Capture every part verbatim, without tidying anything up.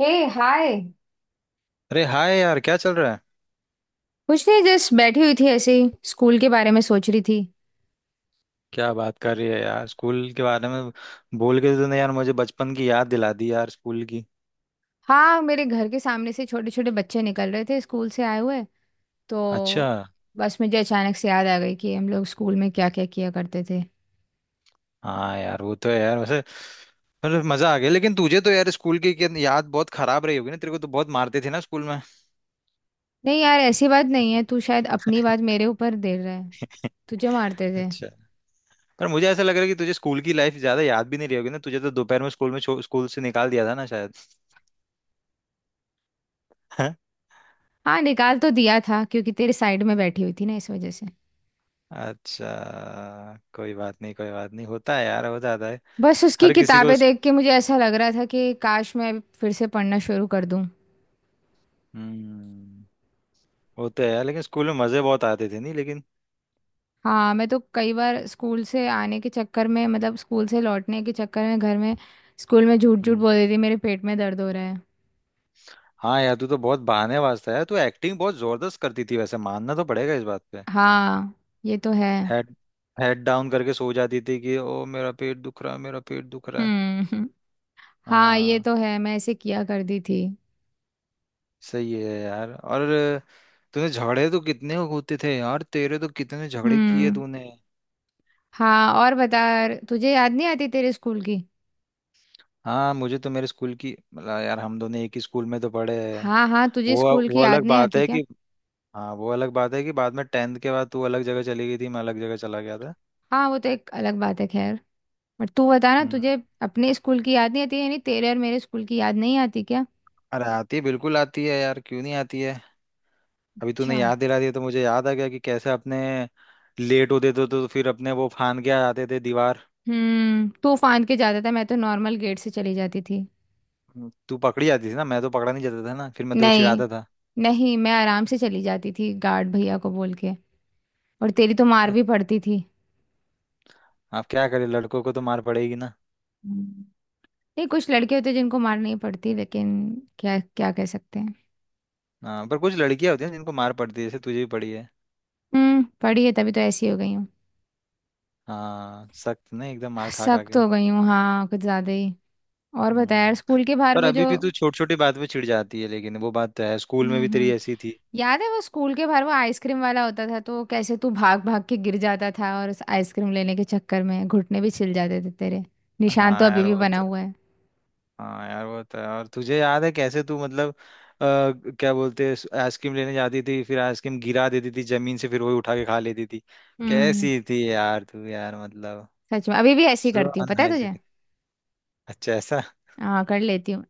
हे। Hi. अरे hi यार, क्या चल रहा है? कुछ नहीं जस्ट बैठी हुई थी ऐसे ही स्कूल के बारे में सोच रही थी। क्या बात कर रही है यार, स्कूल के बारे में? बोल के तूने यार मुझे बचपन की याद दिला दी यार, स्कूल की। हाँ मेरे घर के सामने से छोटे छोटे बच्चे निकल रहे थे स्कूल से आए हुए अच्छा। तो बस मुझे अचानक से याद आ गई कि हम लोग स्कूल में क्या क्या किया करते थे। हाँ यार वो तो है यार वैसे। मतलब मजा आ गया, लेकिन तुझे तो यार स्कूल की क्या- याद बहुत खराब रही होगी ना। तेरे को तो बहुत मारते थे ना स्कूल में। नहीं यार ऐसी बात नहीं है। तू शायद अपनी बात मेरे ऊपर दे रहा है। तुझे मारते थे। अच्छा। पर मुझे ऐसा लग रहा है कि तुझे स्कूल की लाइफ ज्यादा याद भी नहीं रही होगी ना। तुझे तो दोपहर में स्कूल में छो- स्कूल से निकाल दिया था ना शायद। हाँ? हाँ निकाल तो दिया था क्योंकि तेरे साइड में बैठी हुई थी ना इस वजह से। अच्छा। कोई बात नहीं, कोई बात नहीं, होता है यार, हो जाता है बस उसकी हर किसी को। किताबें देख के मुझे ऐसा लग रहा था कि काश मैं फिर से पढ़ना शुरू कर दूं। हम्म। वो तो है यार, लेकिन स्कूल में मजे बहुत आते थे नहीं लेकिन। हाँ मैं तो कई बार स्कूल से आने के चक्कर में मतलब स्कूल से लौटने के चक्कर में घर में स्कूल में झूठ झूठ हम्म। बोल देती मेरे पेट में दर्द हो रहा है। हाँ यार, तू तो बहुत बहाने वास्ता है। तू एक्टिंग बहुत जबरदस्त करती थी वैसे, मानना तो पड़ेगा इस बात पे। हाँ ये तो है। हेड, हेड डाउन करके सो जाती थी कि ओ मेरा पेट दुख रहा है, मेरा पेट दुख रहा है। हम्म। हाँ ये हाँ। तो है, मैं ऐसे किया करती थी। सही है यार। और तूने झगड़े तो कितने होते थे यार, तेरे तो कितने झगड़े किए हम्म। तूने। हाँ और बता। तुझे याद नहीं आती तेरे स्कूल की। हाँ, मुझे तो मेरे स्कूल की मतलब, यार हम दोनों एक ही स्कूल में तो पढ़े हैं। हाँ हाँ तुझे वो स्कूल वो की याद अलग नहीं बात आती है क्या। कि, हाँ वो अलग बात है कि बाद में टेंथ के बाद तू अलग जगह चली गई थी, मैं अलग जगह चला गया था। हाँ वो तो एक अलग बात है खैर। पर तू बता ना हम्म। तुझे अपने स्कूल की याद नहीं आती यानी तेरे और मेरे स्कूल की याद नहीं आती क्या। अरे आती है, बिल्कुल आती है यार, क्यों नहीं आती है। अभी अच्छा। तूने याद दिला दिया तो मुझे याद आ गया कि कैसे अपने लेट होते थे तो फिर अपने वो फान के आ जाते थे दीवार। हम्म तू फांद के जाता था मैं तो नॉर्मल गेट से चली जाती थी। हम्म, तू पकड़ी जाती थी ना, मैं तो पकड़ा नहीं जाता था ना, फिर मैं तो नहीं। चिढ़ाता था। नहीं मैं आराम से चली जाती थी गार्ड भैया को बोल के। और तेरी तो मार भी पड़ती थी। आप क्या करें, लड़कों को तो मार पड़ेगी ना। हम्म। नहीं कुछ लड़के होते जिनको मार नहीं पड़ती लेकिन क्या क्या कह सकते हैं। हाँ, पर कुछ लड़कियां होती हैं जिनको मार पड़ती है, जैसे तुझे भी पड़ी है। हम्म पढ़ी है तभी तो ऐसी हो गई हूँ। हाँ, सख्त नहीं एकदम, मार खा खा सख्त के। हो गई हूँ हाँ कुछ ज्यादा ही। और बता यार हम्म। स्कूल के बाहर पर वो अभी जो भी तू छोटी छोटी बात पे चिढ़ जाती है, लेकिन वो बात तो है, स्कूल में हम्म। भी तेरी हम्म ऐसी थी। याद है वो स्कूल के बाहर वो आइसक्रीम वाला होता था तो कैसे तू भाग भाग के गिर जाता था और उस आइसक्रीम लेने के चक्कर में घुटने भी छिल जाते थे तेरे। निशान तो हाँ अभी यार भी वो बना तो, हुआ है। हाँ यार वो तो है। और तुझे याद है कैसे तू मतलब, आ, क्या बोलते हैं, आइसक्रीम लेने जाती थी, फिर आइसक्रीम गिरा देती थी जमीन से, फिर वही उठा के खा लेती थी। हम्म कैसी थी यार तू यार, मतलब सच में अभी भी ऐसे ही सो करती हूँ पता है तुझे। अनहाइजीनिक। अच्छा, ऐसा? हाँ कर लेती हूँ।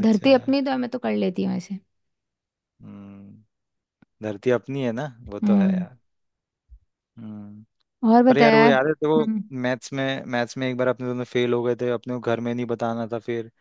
धरती अपनी तो है, मैं तो कर लेती हूँ ऐसे। हम्म। धरती अपनी है ना। वो तो है हम्म यार। हम्म। और पर बता यार वो यार। याद है तो वो, हम्म। मैथ्स में, मैथ्स में एक बार अपने दोनों फेल हो गए थे, अपने को घर में नहीं बताना था फिर।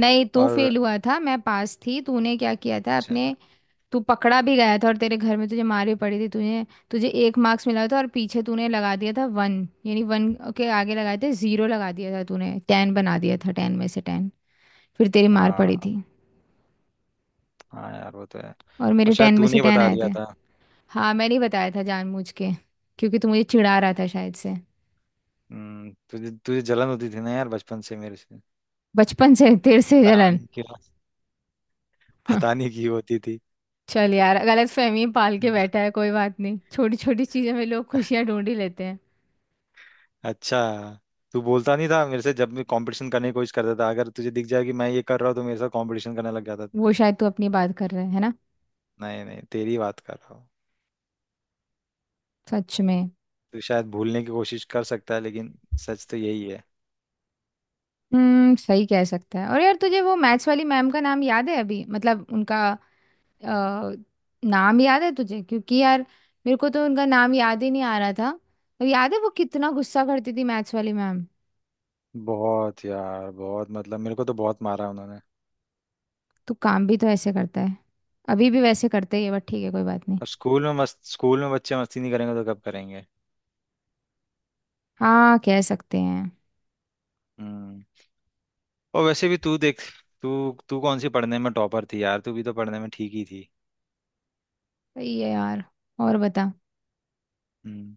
नहीं तू और फेल हुआ था मैं पास थी। तूने क्या किया था अच्छा। अपने तू पकड़ा भी गया था और तेरे घर में तुझे मार भी पड़ी थी। तुझे तुझे एक मार्क्स मिला था और पीछे तूने लगा दिया था वन। यानी वन के आगे लगाए थे जीरो लगा दिया था तूने टेन बना दिया था टेन में से टेन। फिर तेरी मार हाँ, पड़ी थी। हाँ यार वो तो है। और और मेरे शायद टेन में तूने से ही टेन बता आए थे। दिया था। हाँ मैंने ही बताया था जानबूझ के। क्योंकि तू मुझे चिढ़ा रहा था शायद से। हम्म, तुझे तुझे जलन होती थी ना यार बचपन से मेरे से। बचपन से तेरे से पता जलन। नहीं क्यों, पता नहीं क्यों होती थी। चल यार गलत फहमी पाल के हम्म। बैठा है कोई बात नहीं छोटी छोटी चीज़ों में लोग खुशियाँ ढूंढ ही लेते हैं। अच्छा। तू बोलता नहीं था मेरे से, जब मैं कंपटीशन करने की कोशिश करता था, अगर तुझे दिख जाए कि मैं ये कर रहा हूँ तो मेरे साथ कंपटीशन करने लग जाता था। वो शायद तू अपनी बात कर रहे है ना। नहीं नहीं, तेरी बात कर रहा हूँ। सच में। तू शायद भूलने की कोशिश कर सकता है, लेकिन सच तो यही है। हम्म सही कह सकता है। और यार तुझे वो मैथ्स वाली मैम का नाम याद है अभी मतलब उनका अ, नाम याद है तुझे क्योंकि यार मेरे को तो उनका नाम याद ही नहीं आ रहा था। और याद है वो कितना गुस्सा करती थी मैथ्स वाली मैम। बहुत यार बहुत, मतलब मेरे को तो बहुत मारा उन्होंने। तू काम भी तो ऐसे करता है। अभी भी वैसे करते ही है बट ठीक है कोई बात नहीं। अब स्कूल में मस्त, स्कूल में बच्चे मस्ती नहीं करेंगे तो कब करेंगे? हाँ कह सकते हैं। हम्म। और वैसे भी तू देख, तू तू कौन सी पढ़ने में टॉपर थी यार, तू भी तो पढ़ने में ठीक ही थी। सही है यार और बता। हम्म।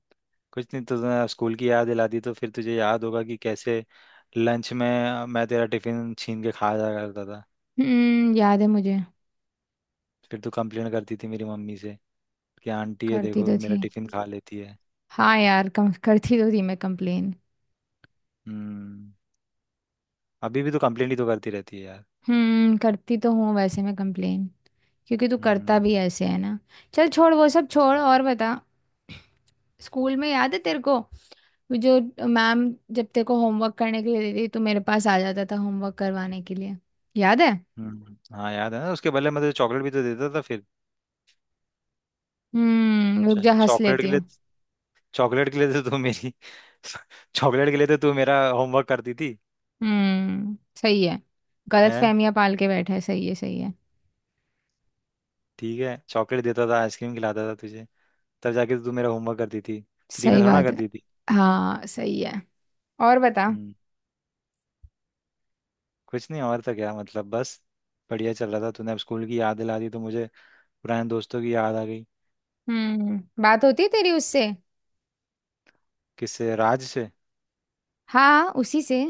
कुछ नहीं, तो स्कूल की याद दिला दी तो फिर तुझे याद होगा कि कैसे लंच में मैं तेरा टिफिन छीन के खा जा करता था। हम्म याद है मुझे। फिर तू कंप्लेन करती थी मेरी मम्मी से कि आंटी है करती देखो तो मेरा थी। टिफिन खा लेती है। हाँ यार कम करती तो थी मैं कंप्लेन। हम्म। अभी भी तो कंप्लेन ही तो करती रहती है यार। हम्म करती तो हूँ वैसे मैं कंप्लेन। क्योंकि तू करता हम्म भी ऐसे है ना। चल छोड़ वो सब छोड़ और बता। स्कूल में याद है तेरे को जो मैम जब तेरे को होमवर्क करने के लिए देती थी, तो मेरे पास आ जाता था होमवर्क करवाने के लिए। याद है। हम्म हाँ याद है ना, उसके बदले मैं तुझे चॉकलेट भी तो देता था फिर। हम्म रुक जा हंस चॉकलेट के लेती लिए, हूँ। चॉकलेट के लिए तो तू मेरी, चॉकलेट के लिए तो तू मेरा होमवर्क करती थी। हम्म सही है। गलत है। फहमियां पाल के बैठा है सही है सही है। ठीक है, चॉकलेट देता था, आइसक्रीम खिलाता था तुझे, तब जाके तो तू मेरा होमवर्क करती थी। फ्री में सही थोड़ा ना बात है। करती थी। हाँ सही है और बता। हम्म। कुछ नहीं और, तो क्या मतलब, बस बढ़िया चल रहा था, तूने अब स्कूल की याद दिला दी तो मुझे पुराने दोस्तों की याद आ गई। हम्म बात होती है तेरी उससे। किससे, राज से? हाँ हाँ, उसी से।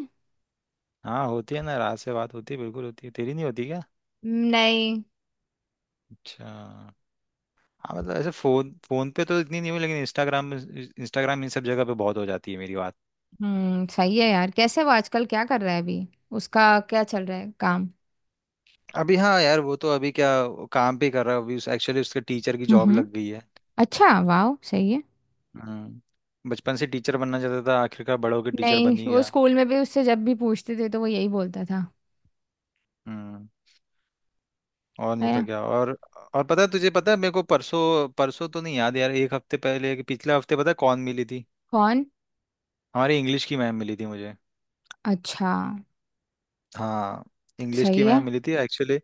हाँ होती है ना, राज से बात होती है, बिल्कुल होती है। तेरी नहीं होती क्या? नहीं। अच्छा। हाँ मतलब ऐसे फोन, फोन पे तो इतनी नहीं हुई, लेकिन इंस्टाग्राम, इंस्टाग्राम इन सब जगह पे बहुत हो जाती है मेरी बात। हम्म सही है यार। कैसे वो आजकल क्या कर रहा है अभी उसका क्या चल रहा है काम। अभी, हाँ यार वो तो अभी क्या वो काम भी कर रहा है अभी। उस एक्चुअली उसके टीचर की हम्म जॉब हम्म लग गई है। अच्छा वाह सही है। हम्म, बचपन से टीचर बनना चाहता था, आखिरकार बड़ा होकर टीचर नहीं बन ही वो गया। स्कूल में भी उससे जब भी पूछते थे तो वो यही बोलता था हम्म। और नहीं है तो ना। क्या और। और पता है तुझे, पता है मेरे को परसों, परसों तो नहीं याद यार, एक हफ्ते पहले कि पिछले हफ्ते पता है कौन मिली थी? कौन। हमारी इंग्लिश की मैम मिली थी मुझे। अच्छा हाँ। इंग्लिश की सही है। मैम मिली थी एक्चुअली।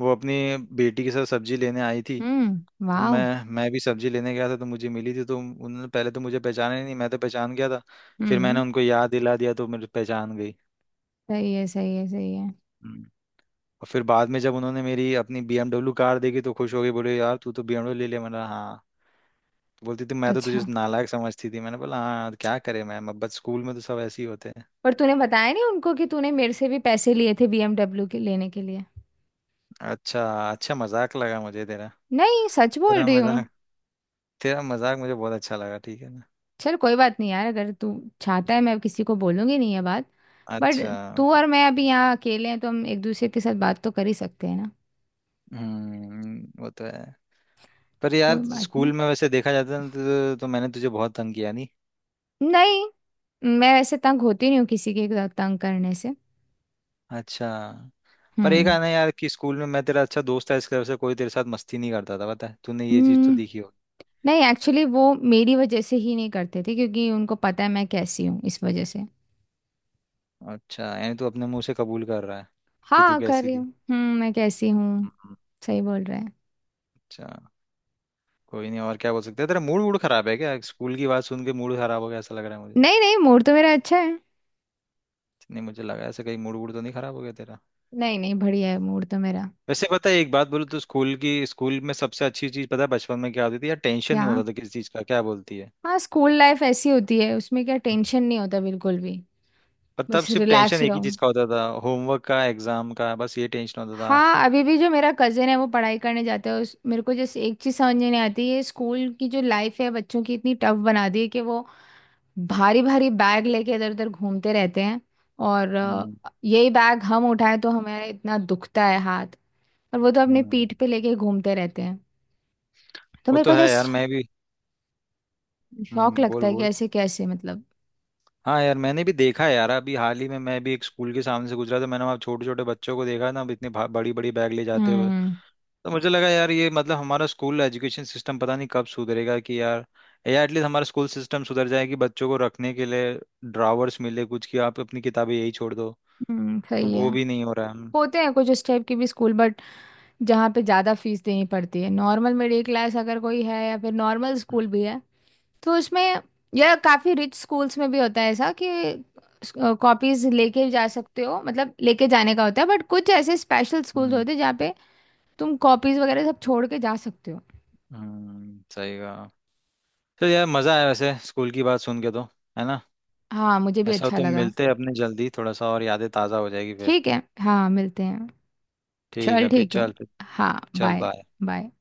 वो अपनी बेटी के साथ सब्जी लेने आई थी, हम्म तो मैं वाह। मैं भी सब्जी लेने गया था तो मुझे मिली थी। तो उन्होंने पहले तो मुझे पहचाना ही नहीं, मैं तो पहचान गया था। फिर मैंने हम्म उनको याद दिला दिया तो मुझे पहचान गई। सही है सही है सही है। हम्म। और फिर बाद में जब उन्होंने मेरी अपनी बी एम डब्ल्यू कार देखी तो खुश हो गई, बोले यार तू तो बी एम डब्ल्यू ले ले, मैंने बोला हाँ। तो बोलती थी मैं तो अच्छा तुझे नालायक समझती थी, मैंने बोला हाँ, क्या करे मैम, अब बस स्कूल में तो सब ऐसे ही होते हैं। पर तूने बताया नहीं उनको कि तूने मेरे से भी पैसे लिए थे बीएमडब्ल्यू के लेने के लिए। अच्छा। अच्छा, मजाक लगा मुझे तेरा। नहीं सच बोल तेरा रही हूँ। मजाक, तेरा मजाक मुझे बहुत अच्छा लगा, ठीक है ना। चल कोई बात नहीं यार अगर तू चाहता है मैं किसी को बोलूंगी नहीं ये बात। बट अच्छा। तू और मैं अभी यहाँ अकेले हैं तो हम एक दूसरे के साथ बात तो कर ही सकते हैं ना। हम्म, वो तो है। पर कोई यार बात नहीं। स्कूल में वैसे देखा जाता है ना तो, तो मैंने तुझे बहुत तंग किया नहीं। नहीं मैं वैसे तंग होती नहीं हूँ किसी के साथ तंग करने से। अच्छा। पर एक हम्म। आना यार, कि स्कूल में मैं तेरा अच्छा दोस्त था, इसकी वजह से कोई तेरे साथ मस्ती नहीं करता था, पता है, तूने ये चीज तो हम्म, देखी। नहीं एक्चुअली वो मेरी वजह से ही नहीं करते थे क्योंकि उनको पता है मैं कैसी हूँ इस वजह से। अच्छा, यानी तू अपने मुंह से कबूल कर रहा है कि तू हाँ कर कैसी रही थी। हूँ हम्म मैं कैसी हूँ। हम्म। सही बोल रहा है। अच्छा। कोई नहीं, और क्या बोल सकते हैं। तेरा मूड वूड खराब है क्या? स्कूल की बात सुन के मूड खराब हो गया ऐसा लग रहा है मुझे। नहीं नहीं मूड तो मेरा अच्छा है। नहीं, मुझे लगा ऐसा, कहीं मूड वूड तो नहीं खराब हो गया तेरा। नहीं नहीं बढ़िया है मूड तो मेरा। वैसे पता है एक बात बोलूं तो स्कूल की, स्कूल में सबसे अच्छी चीज पता है बचपन में क्या होती थी यार, टेंशन क्या। नहीं होता था किसी चीज का, क्या बोलती है? हाँ स्कूल लाइफ ऐसी होती है उसमें क्या टेंशन नहीं होता बिल्कुल भी। पर तब बस सिर्फ रिलैक्स टेंशन एक ही रहो। चीज का होता था, होमवर्क का, एग्जाम का, बस ये टेंशन होता था। हाँ अभी भी जो मेरा कज़न है वो पढ़ाई करने जाता है उस मेरे को जैसे एक चीज़ समझ नहीं आती है स्कूल की जो लाइफ है बच्चों की इतनी टफ बना दी है कि वो भारी भारी बैग लेके इधर उधर घूमते रहते हैं। और अ, हम्म। यही बैग हम उठाएं तो हमें इतना दुखता है हाथ। और वो तो अपनी हम्म, पीठ पे लेके घूमते रहते हैं। तो वो मेरे तो को है यार, जस्ट मैं भी। शौक हम्म, बोल लगता है कि बोल। ऐसे कैसे मतलब। हाँ यार, मैंने भी देखा है यार, अभी हाल ही में मैं भी एक स्कूल के सामने से गुजरा था, मैंने वहाँ छोटे छोटे बच्चों को देखा ना, अब इतनी बड़ी बड़ी बैग ले जाते हुए। हम्म तो मुझे लगा यार ये मतलब हमारा स्कूल एजुकेशन सिस्टम पता नहीं कब सुधरेगा कि यार, या एटलीस्ट हमारा स्कूल सिस्टम सुधर जाए कि बच्चों को रखने के लिए ड्रावर्स मिले कुछ, कि आप अपनी किताबें यही छोड़ दो। हम्म तो सही है। वो भी नहीं हो रहा है। हम्म। होते हैं कुछ उस टाइप के भी स्कूल बट जहाँ पे ज़्यादा फीस देनी पड़ती है नॉर्मल मिडिल क्लास अगर कोई है या फिर नॉर्मल स्कूल भी है तो उसमें या काफ़ी रिच स्कूल्स में भी होता है ऐसा कि कॉपीज लेके जा सकते हो मतलब लेके जाने का होता है बट कुछ ऐसे स्पेशल स्कूल्स हम्म, होते हैं जहाँ पे तुम कॉपीज वगैरह सब छोड़ के जा सकते हो। हम्म, सही कहा। तो यार मजा आया वैसे स्कूल की बात सुन के तो। है ना। हाँ मुझे भी ऐसा हो अच्छा तो लगा। मिलते हैं अपने जल्दी थोड़ा सा, और यादें ताज़ा हो जाएगी फिर। ठीक है हाँ मिलते हैं। ठीक है चल फिर, ठीक है चल फिर। हाँ चल बाय बाय। बाय।